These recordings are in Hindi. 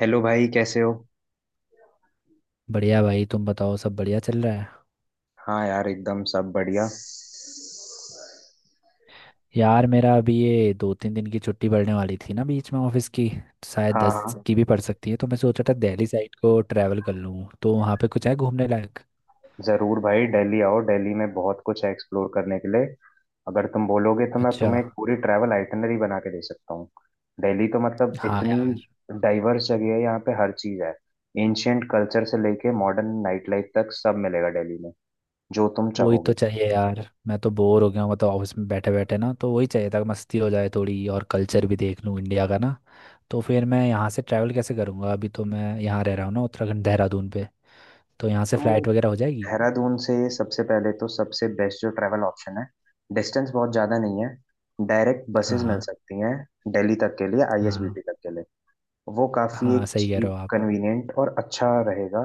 हेलो भाई, कैसे हो। बढ़िया भाई। तुम बताओ, सब बढ़िया चल रहा है। हाँ यार, एकदम सब बढ़िया। यार मेरा अभी ये दो तीन दिन की छुट्टी पड़ने वाली थी ना बीच में ऑफिस की, तो शायद हाँ, दस हाँ। की भी पड़ सकती है। तो मैं सोचा था दिल्ली साइड को ट्रैवल कर लूँ। तो वहाँ पे कुछ है घूमने लायक? जरूर भाई, दिल्ली आओ। दिल्ली में बहुत कुछ है एक्सप्लोर करने के लिए। अगर तुम बोलोगे तो मैं अच्छा। तुम्हें एक पूरी ट्रैवल आइटनरी बना के दे सकता हूँ। दिल्ली तो मतलब हाँ इतनी यार। डाइवर्स जगह है, यहाँ पे हर चीज़ है। एंशियंट कल्चर से लेके मॉडर्न नाइट लाइफ तक सब मिलेगा दिल्ली में, जो तुम वही तो चाहोगे। चाहिए यार। मैं तो बोर हो गया हूँ, मतलब ऑफिस में बैठे बैठे ना, तो वही चाहिए था कि मस्ती हो जाए थोड़ी, और कल्चर भी देख लूँ इंडिया का ना। तो फिर मैं यहाँ से ट्रैवल कैसे करूँगा? अभी तो मैं यहाँ रह रहा हूँ ना, उत्तराखंड देहरादून पे। तो यहाँ से तो फ्लाइट वगैरह हो जाएगी? देहरादून से सबसे पहले तो सबसे बेस्ट जो ट्रैवल ऑप्शन है, डिस्टेंस बहुत ज़्यादा नहीं है, डायरेक्ट बसेस मिल हाँ सकती हैं दिल्ली तक के लिए, हाँ। आईएसबीटी तक के लिए। वो काफ़ी हाँ एक सही कह चीप, रहे हो आप। कन्वीनियंट और अच्छा रहेगा।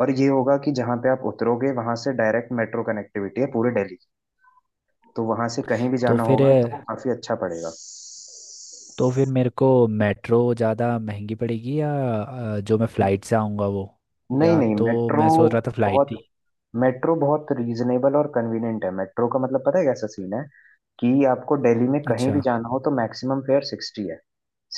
और ये होगा कि जहाँ पे आप उतरोगे वहाँ से डायरेक्ट मेट्रो कनेक्टिविटी है पूरे दिल्ली की। तो वहाँ से कहीं भी तो जाना फिर होगा तो वो काफ़ी अच्छा पड़ेगा। तो फिर मेरे को मेट्रो ज़्यादा महंगी पड़ेगी, या जो मैं फ़्लाइट से आऊँगा वो? नहीं या नहीं, तो मैं सोच रहा था बहुत फ़्लाइट ही। मेट्रो बहुत रीजनेबल और कन्वीनियंट है। मेट्रो का मतलब पता है कैसा सीन है, कि आपको दिल्ली में कहीं अच्छा। भी जाना हो तो मैक्सिमम फेयर 60 है।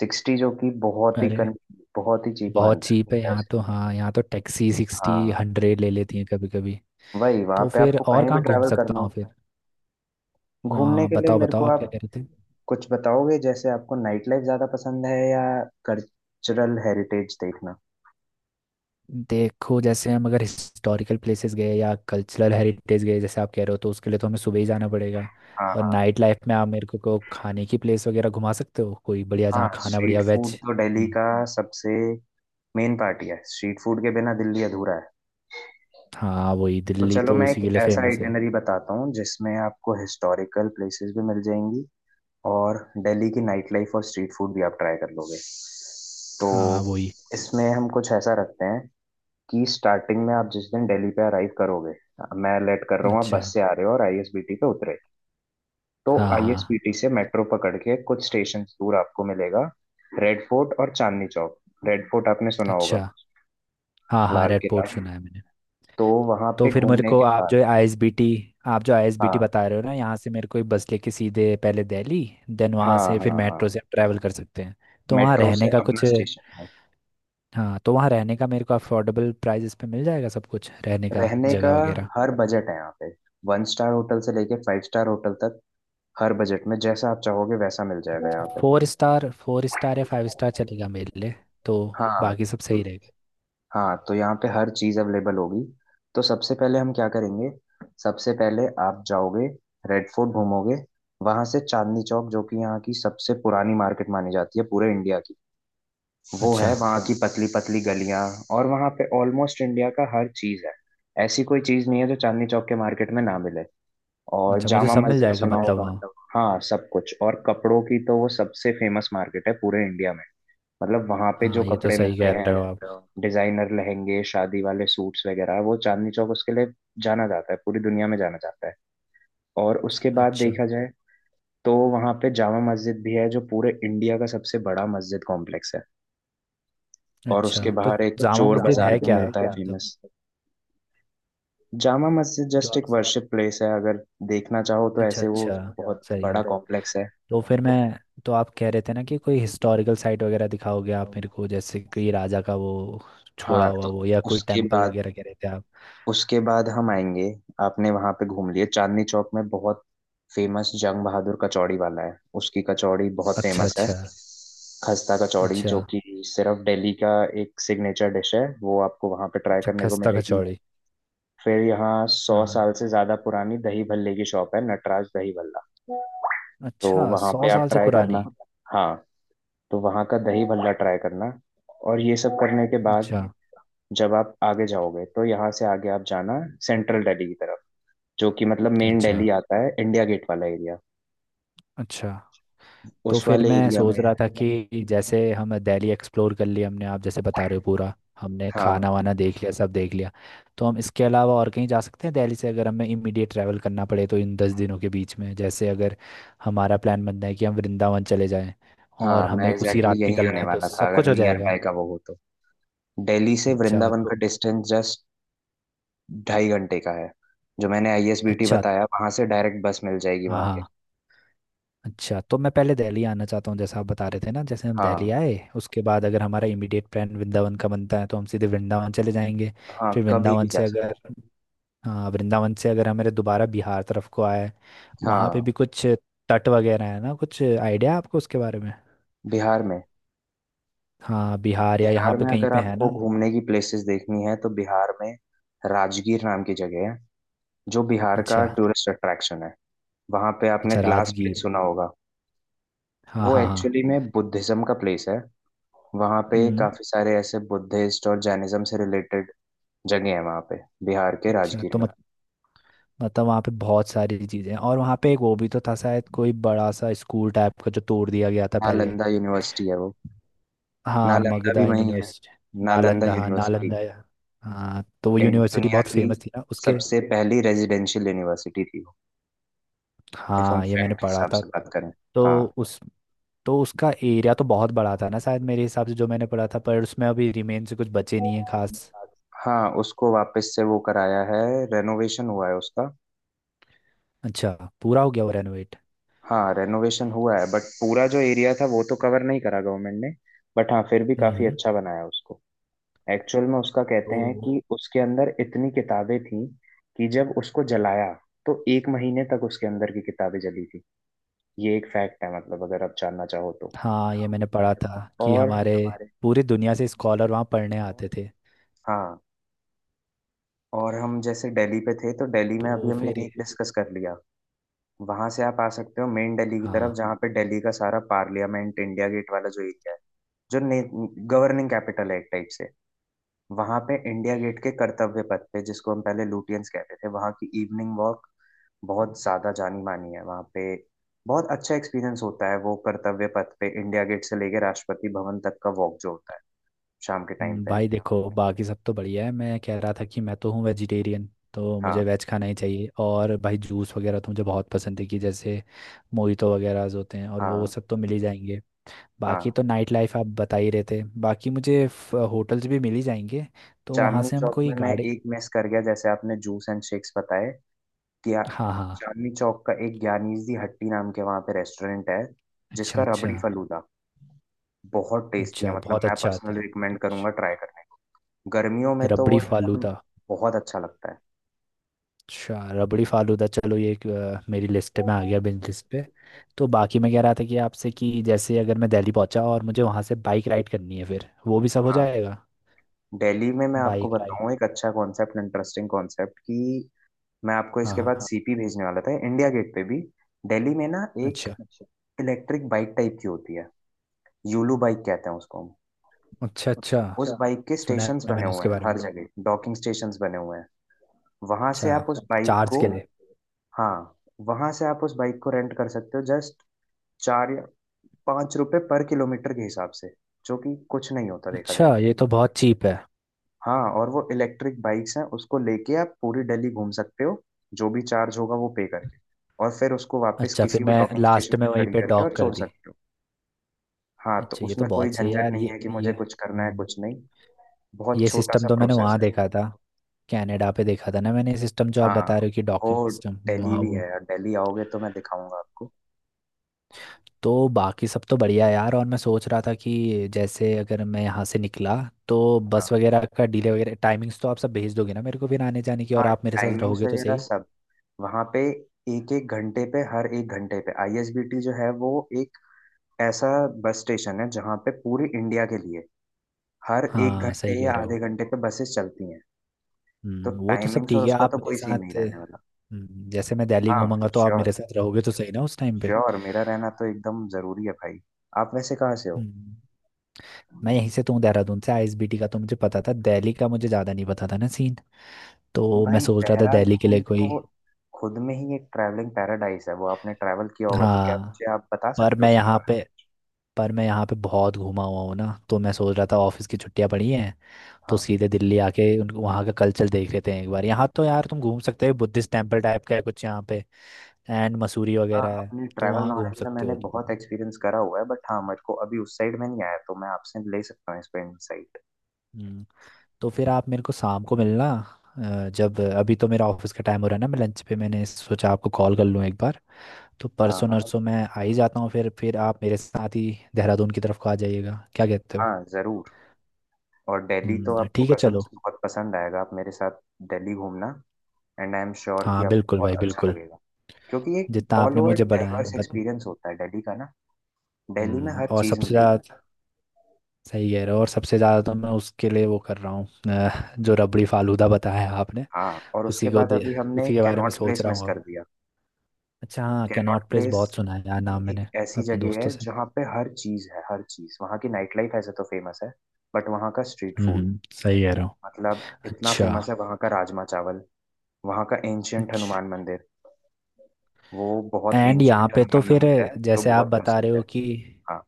60, जो कि अरे, बहुत ही चीप बहुत मानता चीप है है यहाँ पैसे। तो। हाँ, यहाँ तो टैक्सी सिक्सटी हाँ, हंड्रेड ले लेती हैं कभी कभी। वही वहां तो पे फिर आपको और कहीं भी कहाँ घूम ट्रैवल करना सकता हूँ हो। फिर? घूमने वहाँ के लिए बताओ मेरे बताओ, को आप आप क्या कह रहे थे? कुछ बताओगे, जैसे आपको नाइट लाइफ ज्यादा पसंद है या कल्चरल हेरिटेज देखना। देखो, जैसे हम अगर हिस्टोरिकल प्लेसेस गए या कल्चरल हेरिटेज गए जैसे आप कह रहे हो, तो उसके लिए तो हमें सुबह ही जाना पड़ेगा। हाँ, और हाँ, नाइट लाइफ में आप मेरे को खाने की प्लेस वगैरह घुमा सकते हो कोई बढ़िया, हाँ। जहाँ खाना स्ट्रीट बढ़िया फूड वेज। तो दिल्ली का सबसे, मेन पार्टी है, स्ट्रीट फूड के बिना दिल्ली अधूरा है। हाँ वही, तो दिल्ली चलो तो मैं एक उसी के लिए ऐसा फेमस है। आइटिनरी बताता हूँ जिसमें आपको हिस्टोरिकल प्लेसेस भी मिल जाएंगी और दिल्ली की नाइट लाइफ और स्ट्रीट फूड भी आप ट्राई कर लोगे। तो हाँ वही। इसमें हम कुछ ऐसा रखते हैं कि स्टार्टिंग में आप जिस दिन दिल्ली पे अराइव करोगे, मैं लेट कर रहा हूँ आप अच्छा। बस से आ रहे हो और आईएसबीटी पे उतरे। तो हाँ हाँ। आईएसबीटी से मेट्रो पकड़ के कुछ स्टेशन दूर आपको मिलेगा रेड फोर्ट और चांदनी चौक। रेड फोर्ट आपने सुना होगा, अच्छा। हाँ हाँ लाल रेड किला। पोर्ट सुना है मैंने। तो वहां तो पे फिर मेरे घूमने को के बाद, आप जो आईएसबीटी हाँ, बता रहे हो ना, यहाँ से मेरे को एक बस लेके सीधे पहले दिल्ली, देन वहाँ हाँ, से फिर हाँ, हाँ, मेट्रो से ट्रैवल कर सकते हैं। तो वहाँ मेट्रो रहने से का अपना कुछ? स्टेशन है। हाँ, तो वहाँ रहने का मेरे को अफोर्डेबल प्राइजेस पे मिल जाएगा सब कुछ, रहने का रहने का जगह वगैरह। हर बजट है यहाँ पे। वन स्टार होटल से लेके फाइव स्टार होटल तक हर बजट में जैसा आप चाहोगे वैसा मिल जाएगा यहाँ पे। फोर स्टार फोर या फाइव स्टार स्टार फाइव चलेगा स्टार मेरे कितना लिए। तो मिलेगा, हाँ। बाकी सब तो सही रहेगा। हाँ, तो यहाँ पे हर चीज़ अवेलेबल होगी। तो सबसे पहले हम क्या करेंगे, सबसे पहले आप जाओगे, रेड फोर्ट घूमोगे। वहां से चांदनी चौक, जो कि यहाँ की सबसे पुरानी मार्केट मानी जाती है पूरे इंडिया की। वो अच्छा। है वहाँ की पतली पतली गलियाँ। और वहाँ पे ऑलमोस्ट इंडिया का हर चीज़ है, ऐसी कोई चीज़ नहीं है जो चांदनी चौक के मार्केट में ना मिले। और अच्छा मुझे जामा सब मिल मस्जिद जाएगा सुना मतलब होगा। वहाँ? हाँ, सब कुछ, और कपड़ों की तो वो सबसे फेमस मार्केट है पूरे इंडिया में। मतलब वहाँ पे जो हाँ, ये तो कपड़े ये तो सही मिलते कह रहे हो आप। हैं, डिजाइनर लहंगे, शादी वाले सूट्स वगैरह, वो चांदनी चौक उसके लिए जाना जाता है, पूरी दुनिया में जाना जाता है। और उसके बाद अच्छा। देखा जाए तो वहाँ पे जामा मस्जिद भी है जो पूरे इंडिया का सबसे बड़ा मस्जिद कॉम्प्लेक्स है। और अच्छा उसके तो बाहर एक जामा चोर मस्जिद बाजार है भी क्या? मिलता है मतलब, फेमस। जामा मस्जिद जो जस्ट आप? एक वर्शिप प्लेस है, अगर देखना चाहो तो अच्छा ऐसे वो अच्छा। अच्छा बहुत सही कह रहे। बड़ा कॉम्प्लेक्स है। तो फिर मैं तो आप कह रहे थे ना कि कोई हिस्टोरिकल साइट वगैरह दिखाओगे आप मेरे को, जैसे कोई राजा का वो छोड़ा हाँ, हुआ तो वो या कोई उसके टेम्पल बाद वगैरह कह रहे थे आप? उसके बाद हम आएंगे। आपने वहां पे घूम लिए चांदनी चौक में, बहुत फेमस जंग बहादुर कचौड़ी वाला है, उसकी कचौड़ी बहुत अच्छा फेमस है। अच्छा। खस्ता कचौड़ी अच्छा। जो कि सिर्फ दिल्ली का एक सिग्नेचर डिश है, वो आपको वहां पे ट्राई अच्छा करने को खस्ता मिलेगी। कचौड़ी। फिर यहाँ सौ हाँ। साल से ज्यादा पुरानी दही भल्ले की शॉप है, नटराज दही भल्ला। तो अच्छा वहां सौ पे आप साल से ट्राई करना। पुरानी। हाँ, तो वहाँ का दही भल्ला ट्राई करना। और ये सब करने के बाद अच्छा। जब आप आगे जाओगे तो यहाँ से आगे आप जाना सेंट्रल दिल्ली की तरफ, जो कि मतलब मेन अच्छा। दिल्ली आता है, इंडिया गेट वाला एरिया अच्छा तो उस फिर वाले मैं एरिया सोच में है। रहा था कि जैसे हम दिल्ली एक्सप्लोर कर लिया हमने, आप जैसे बता रहे हो पूरा, हमने हाँ खाना वाना देख लिया, सब देख लिया, तो हम इसके अलावा और कहीं जा सकते हैं दिल्ली से अगर हमें इमीडिएट ट्रैवल करना पड़े तो इन दस दिनों के बीच में? जैसे अगर हमारा प्लान बनता है कि हम वृंदावन चले जाएं, और हाँ, मैं हमें उसी एग्जैक्टली रात exactly यही निकलना आने है, तो वाला था, सब अगर कुछ हो नियर जाएगा। बाय का वो हो तो। दिल्ली से अच्छा वृंदावन का तो। डिस्टेंस जस्ट 2.5 घंटे का है। जो मैंने आईएसबीटी अच्छा। बताया वहां से डायरेक्ट बस मिल जाएगी हाँ वहां के। हाँ। अच्छा तो मैं पहले दिल्ली आना चाहता हूँ, जैसा आप बता रहे थे ना, जैसे हम हाँ, दिल्ली आए उसके बाद अगर हमारा इमीडिएट प्लान वृंदावन का बनता है तो हम सीधे वृंदावन चले जाएंगे। हाँ, फिर कभी भी वृंदावन जा से अगर, सकते हाँ वृंदावन से अगर हमारे दोबारा बिहार तरफ को आए, हैं। वहाँ पे हाँ, भी कुछ तट वगैरह है ना? कुछ आइडिया है आपको उसके बारे में? बिहार में हाँ, बिहार या यहाँ बिहार पे में कहीं अगर पे है आपको ना? घूमने की प्लेसेस देखनी है तो बिहार में राजगीर नाम की जगह है जो बिहार अच्छा। का टूरिस्ट अट्रैक्शन है। वहां पे आपने अच्छा हाँ ग्लास प्लेस राजगीर। सुना होगा। हाँ वो हाँ हाँ। एक्चुअली में बुद्धिज्म का प्लेस है। वहां पे हम्म। काफी सारे ऐसे बुद्धिस्ट और जैनिज्म से रिलेटेड जगह है वहां पे, बिहार के अच्छा राजगीर तो रा- में। मत, मतलब वहाँ पे बहुत सारी चीज़ें हैं, और वहाँ पे एक वो भी तो था शायद, कोई बड़ा सा स्कूल टाइप का जो तोड़ दिया गया था पहले। नालंदा यूनिवर्सिटी है वो, हाँ, नालंदा भी मगधा वही है, यूनिवर्सिटी। नालंदा नालंदा, हाँ नालंदा यूनिवर्सिटी। नालंदा। हाँ तो वो यूनिवर्सिटी दुनिया बहुत की फेमस थी ना उसके। सबसे पहली रेजिडेंशियल यूनिवर्सिटी थी वो, इफ हम हाँ ये मैंने फैक्ट पढ़ा हिसाब था। से बात करें। हाँ, तो उस तो उसका एरिया तो बहुत बड़ा था ना शायद, मेरे हिसाब से जो मैंने पढ़ा था, पर उसमें अभी रिमेन से कुछ बचे नहीं है खास। हाँ, उसको वापस से वो कराया है, रेनोवेशन हुआ है उसका। अच्छा। पूरा हो गया वो रेनोवेट? हाँ, रेनोवेशन हुआ है, बट पूरा जो एरिया था वो तो कवर नहीं करा गवर्नमेंट ने, बट हाँ फिर भी काफी हम्म। अच्छा बनाया उसको। एक्चुअल में उसका कहते हैं तो कि उसके अंदर इतनी किताबें थी कि जब उसको जलाया तो एक महीने तक उसके अंदर की किताबें जली थी। ये एक फैक्ट है, मतलब अगर आप जानना चाहो तो। हाँ, हाँ, ये मैंने पढ़ा मैंने था पढ़ा था कि और कि हमारे हमारे पूरी पूरी दुनिया से दुनिया के स्कॉलर वहाँ पढ़ने आते कॉन्टिनेंट। थे। हाँ, और हम जैसे दिल्ली पे थे तो दिल्ली में अभी तो हमने फिर एक डिस्कस कर लिया। वहां से आप आ सकते हो मेन दिल्ली की तरफ, हाँ जहाँ पे दिल्ली का सारा पार्लियामेंट, इंडिया गेट वाला जो एरिया है, जो गवर्निंग कैपिटल है एक टाइप से। वहां पे इंडिया गेट के कर्तव्य पथ पे, जिसको हम पहले लुटियंस कहते थे, वहां की इवनिंग वॉक बहुत ज्यादा जानी मानी है वहां पे। बहुत अच्छा एक्सपीरियंस होता है, वो कर्तव्य पथ पे इंडिया गेट से लेके राष्ट्रपति भवन तक का वॉक जो होता है शाम के टाइम पे। भाई देखो, बाकी सब तो बढ़िया है। मैं कह रहा था कि मैं तो हूँ वेजिटेरियन, तो मुझे हाँ, वेज खाना ही चाहिए। और भाई जूस वगैरह तो मुझे बहुत पसंद है, कि जैसे मोहितो वगैरह होते हैं, और वो हाँ, सब तो मिल ही जाएंगे। बाकी हाँ। तो नाइट लाइफ आप बता ही रहे थे, बाकी मुझे होटल्स भी मिल ही जाएंगे। तो वहाँ चांदनी से हम चौक कोई में मैं गाड़ी। एक मिस कर गया, जैसे आपने जूस एंड शेक्स बताए कि आ- हाँ हाँ। चांदनी चौक का एक ज्ञानीज दी हट्टी नाम के वहां पे रेस्टोरेंट है, अच्छा। जिसका अच्छा। रबड़ी फलूदा बहुत टेस्टी है, अच्छा मतलब बहुत मैं अच्छा आता पर्सनली है। रिकमेंड अच्छा। करूंगा ट्राई करने। गर्मियों में तो वो रबड़ी एकदम फालूदा। बहुत अच्छा लगता है। अच्छा रबड़ी फालूदा, चलो ये एक, मेरी लिस्ट में आ गया, बिज लिस्ट पे। तो बाकी मैं कह रहा था कि आपसे, कि जैसे अगर मैं दिल्ली पहुंचा और मुझे वहां से बाइक राइड करनी है, फिर वो भी सब हो हाँ, जाएगा। दिल्ली में मैं आपको बाइक राइड। बताऊं एक अच्छा कॉन्सेप्ट, इंटरेस्टिंग कॉन्सेप्ट, कि मैं आपको हाँ इसके हाँ बाद हाँ। सीपी भेजने वाला था, इंडिया गेट पे भी। दिल्ली में ना एक अच्छा। इलेक्ट्रिक बाइक टाइप की होती है, यूलू बाइक कहते हैं उसको हम। अच्छा। अच्छा उस बाइक के सुना स्टेशंस है बने मैंने हुए उसके हैं बारे हर में। जगह, डॉकिंग स्टेशंस बने हुए हैं। वहां से आप अच्छा। उस बाइक चार्ज को के लिए? हाँ, वहां से आप उस बाइक को रेंट कर सकते हो, जस्ट 4 या 5 रुपए पर किलोमीटर के हिसाब से, जो कि कुछ नहीं होता देखा जाए अच्छा, तो। ये तो बहुत चीप है। हाँ, और वो इलेक्ट्रिक बाइक्स हैं, उसको लेके आप पूरी दिल्ली घूम सकते हो, जो भी चार्ज होगा वो पे करके। और फिर उसको वापस अच्छा, फिर किसी भी मैं डॉकिंग स्टेशन लास्ट में पे वहीं खड़ी पे करके डॉक और कर छोड़ दी। सकते हो। हाँ, तो अच्छा ये तो उसमें कोई बहुत सही है झंझट यार, नहीं है कि मुझे कुछ करना है कुछ नहीं, बहुत ये छोटा सा सिस्टम तो मैंने प्रोसेस वहाँ है। देखा था, कनाडा पे देखा था ना मैंने, सिस्टम जो आप हाँ, बता रहे हो, कि डॉकिंग वो सिस्टम। दिल्ली भी है, और दिल्ली आओगे तो मैं दिखाऊंगा आपको। तो बाकी सब तो बढ़िया यार। और मैं सोच रहा था कि जैसे अगर मैं यहाँ से निकला, तो हाँ, बस वगैरह का डिले वगैरह टाइमिंग्स तो आप सब भेज दोगे ना मेरे को, फिर आने जाने की, और हाँ, आप मेरे साथ टाइमिंग्स रहोगे तो वगैरह सही। सब, वहाँ पे एक एक घंटे पे हर एक घंटे पे आईएसबीटी जो है वो एक ऐसा बस स्टेशन है जहाँ पे पूरी इंडिया के लिए हर एक हाँ सही घंटे कह या रहे आधे हो। घंटे पे बसेस चलती हैं। तो वो तो सब टाइमिंग्स और ठीक है, उसका तो आप मेरे कोई सीन नहीं साथ। रहने वाला। जैसे मैं दिल्ली हाँ, घूमूंगा तो आप मेरे श्योर, साथ रहोगे तो सही ना उस टाइम पे। श्योर, मेरा रहना तो एकदम जरूरी है भाई। आप वैसे कहाँ से हो। हम्म, मैं यहीं से तू, देहरादून से। आईएसबीटी का तो मुझे पता था, दिल्ली का मुझे ज़्यादा नहीं पता था ना सीन। तो तो मैं भाई, सोच रहा था दिल्ली के देहरादून लिए कोई। तो खुद में ही एक ट्रैवलिंग पैराडाइस है, वो आपने ट्रैवल किया होगा तो क्या हाँ। मुझे आप बता पर सकते हो मैं उसके यहाँ पे बारे पर मैं यहाँ पे बहुत घूमा हुआ हूँ ना, तो मैं सोच रहा था ऑफिस की छुट्टियां पड़ी हैं, में। तो हाँ, सीधे दिल्ली आके उन वहाँ का कल्चर देख लेते हैं एक बार। यहाँ तो यार तुम घूम सकते हो, बुद्धिस्ट टेम्पल टाइप का है कुछ यहाँ पे, एंड मसूरी हाँ, वगैरह है, अपने तो ट्रैवल वहाँ घूम नॉलेज में सकते मैंने हो तुम। बहुत एक्सपीरियंस करा हुआ है, बट हाँ मेरे को अभी उस साइड में नहीं आया, तो मैं आपसे ले सकता हूँ इस पे इनसाइट। हम्म, तो फिर आप मेरे को शाम को मिलना। जब, अभी तो मेरा ऑफिस का टाइम हो रहा है ना, मैं लंच पे मैंने सोचा आपको कॉल कर लूँ एक बार। तो हाँ, परसों हाँ, नरसों मैं आ ही जाता हूँ, फिर आप मेरे साथ ही देहरादून की तरफ को आ जाइएगा, क्या कहते हो? हाँ, जरूर। और दिल्ली तो आपको ठीक है कसम चलो। से तो बहुत पसंद आएगा, आप मेरे साथ दिल्ली घूमना। एंड आई एम श्योर कि हाँ आपको बिल्कुल बहुत भाई, अच्छा बिल्कुल। लगेगा, क्योंकि एक जितना ऑल आपने ओवर मुझे बढ़ाया डाइवर्स बत, एक्सपीरियंस होता है दिल्ली का ना, दिल्ली में हर और चीज सबसे मिलेगी। ज़्यादा, सही कह रहे हो। और सबसे ज़्यादा तो मैं उसके लिए वो कर रहा हूँ, जो रबड़ी फालूदा बताया आपने। हाँ, और उसके उसी को बाद दे अभी हमने उसी के बारे में कैनॉट सोच प्लेस रहा मिस हूँ कर अब। दिया। अच्छा हाँ, कैनॉट कैनॉट प्लेस प्लेस बहुत सुना है यार नाम एक मैंने, ऐसी अपने जगह है दोस्तों से। जहाँ पे हर चीज है, हर चीज, वहाँ की नाइट लाइफ ऐसे तो फेमस है, बट वहाँ का स्ट्रीट फूड, सही कह रहे हो। मतलब इतना फेमस अच्छा। है, वहाँ का राजमा चावल, वहाँ का एंशियंट हनुमान मंदिर, वो बहुत एंड यहाँ एंशियंट पे तो हनुमान फिर, मंदिर है जो जैसे आप बहुत बता प्रसिद्ध रहे हो है। कि हाँ,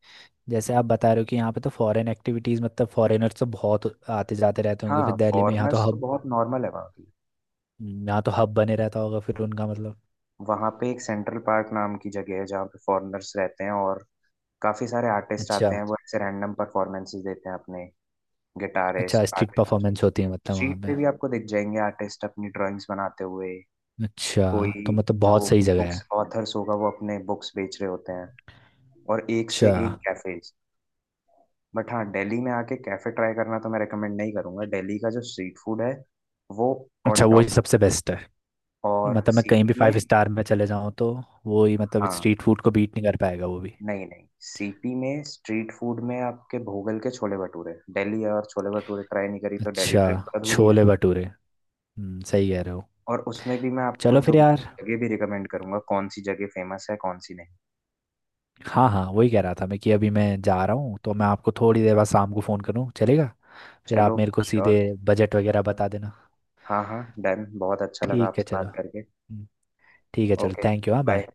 जैसे आप बता रहे हो कि यहाँ पे तो फॉरेन एक्टिविटीज़, मतलब फॉरेनर्स तो बहुत आते जाते रहते होंगे हाँ, फिर दिल्ली में, फॉरेनर्स तो बहुत नॉर्मल है वहाँ पे। यहाँ तो हब बने रहता होगा फिर उनका मतलब। वहाँ पे एक सेंट्रल पार्क नाम की जगह है जहाँ पे फॉरेनर्स रहते हैं, और काफी सारे आर्टिस्ट अच्छा। आते हैं, वो ऐसे रैंडम परफॉर्मेंसेस देते हैं अपने, अच्छा गिटारिस्ट, स्ट्रीट आर्टिस्ट। परफॉर्मेंस होती है मतलब वहाँ स्ट्रीट पे? पे भी आपको दिख जाएंगे आर्टिस्ट अपनी ड्राइंग्स बनाते हुए, अच्छा, तो कोई मतलब बहुत, जो हाँ, सही जगह है। बुक्स ऑथर्स होगा वो अपने बुक्स बेच रहे होते हैं, और एक से अच्छा। एक कैफेज। बट हाँ, दिल्ली में आके कैफे ट्राई करना तो मैं रेकमेंड नहीं करूंगा, दिल्ली का जो स्ट्रीट फूड है वो ऑन अच्छा टॉप, वही सबसे बेस्ट है। और मतलब मैं कहीं भी सिटी में, फाइव स्टार में चले जाऊँ तो वो ही, मतलब, हाँ, स्ट्रीट फूड को बीट नहीं कर पाएगा वो भी। नहीं नहीं, सीपी में स्ट्रीट फूड में आपके भोगल के छोले भटूरे, दिल्ली और छोले भटूरे ट्राई नहीं करी तो दिल्ली अच्छा। ट्रिप तो अधूरी है। छोले भटूरे। सही कह रहे हो। और उसमें भी मैं आपको चलो दो फिर यार। जगह भी रिकमेंड करूंगा, कौन सी जगह फेमस है कौन सी नहीं। हाँ हाँ, वही कह रहा था मैं, कि अभी मैं जा रहा हूँ, तो मैं आपको थोड़ी देर बाद शाम को फ़ोन करूँ चलेगा? फिर चलो, आप मेरे को श्योर, सीधे बजट वगैरह बता देना। हाँ, हाँ, डन, बहुत अच्छा लगा ठीक है आपसे चलो। बात करके। हम्म, ठीक है चलो। Okay, thank you. हाँ बाय। बाय।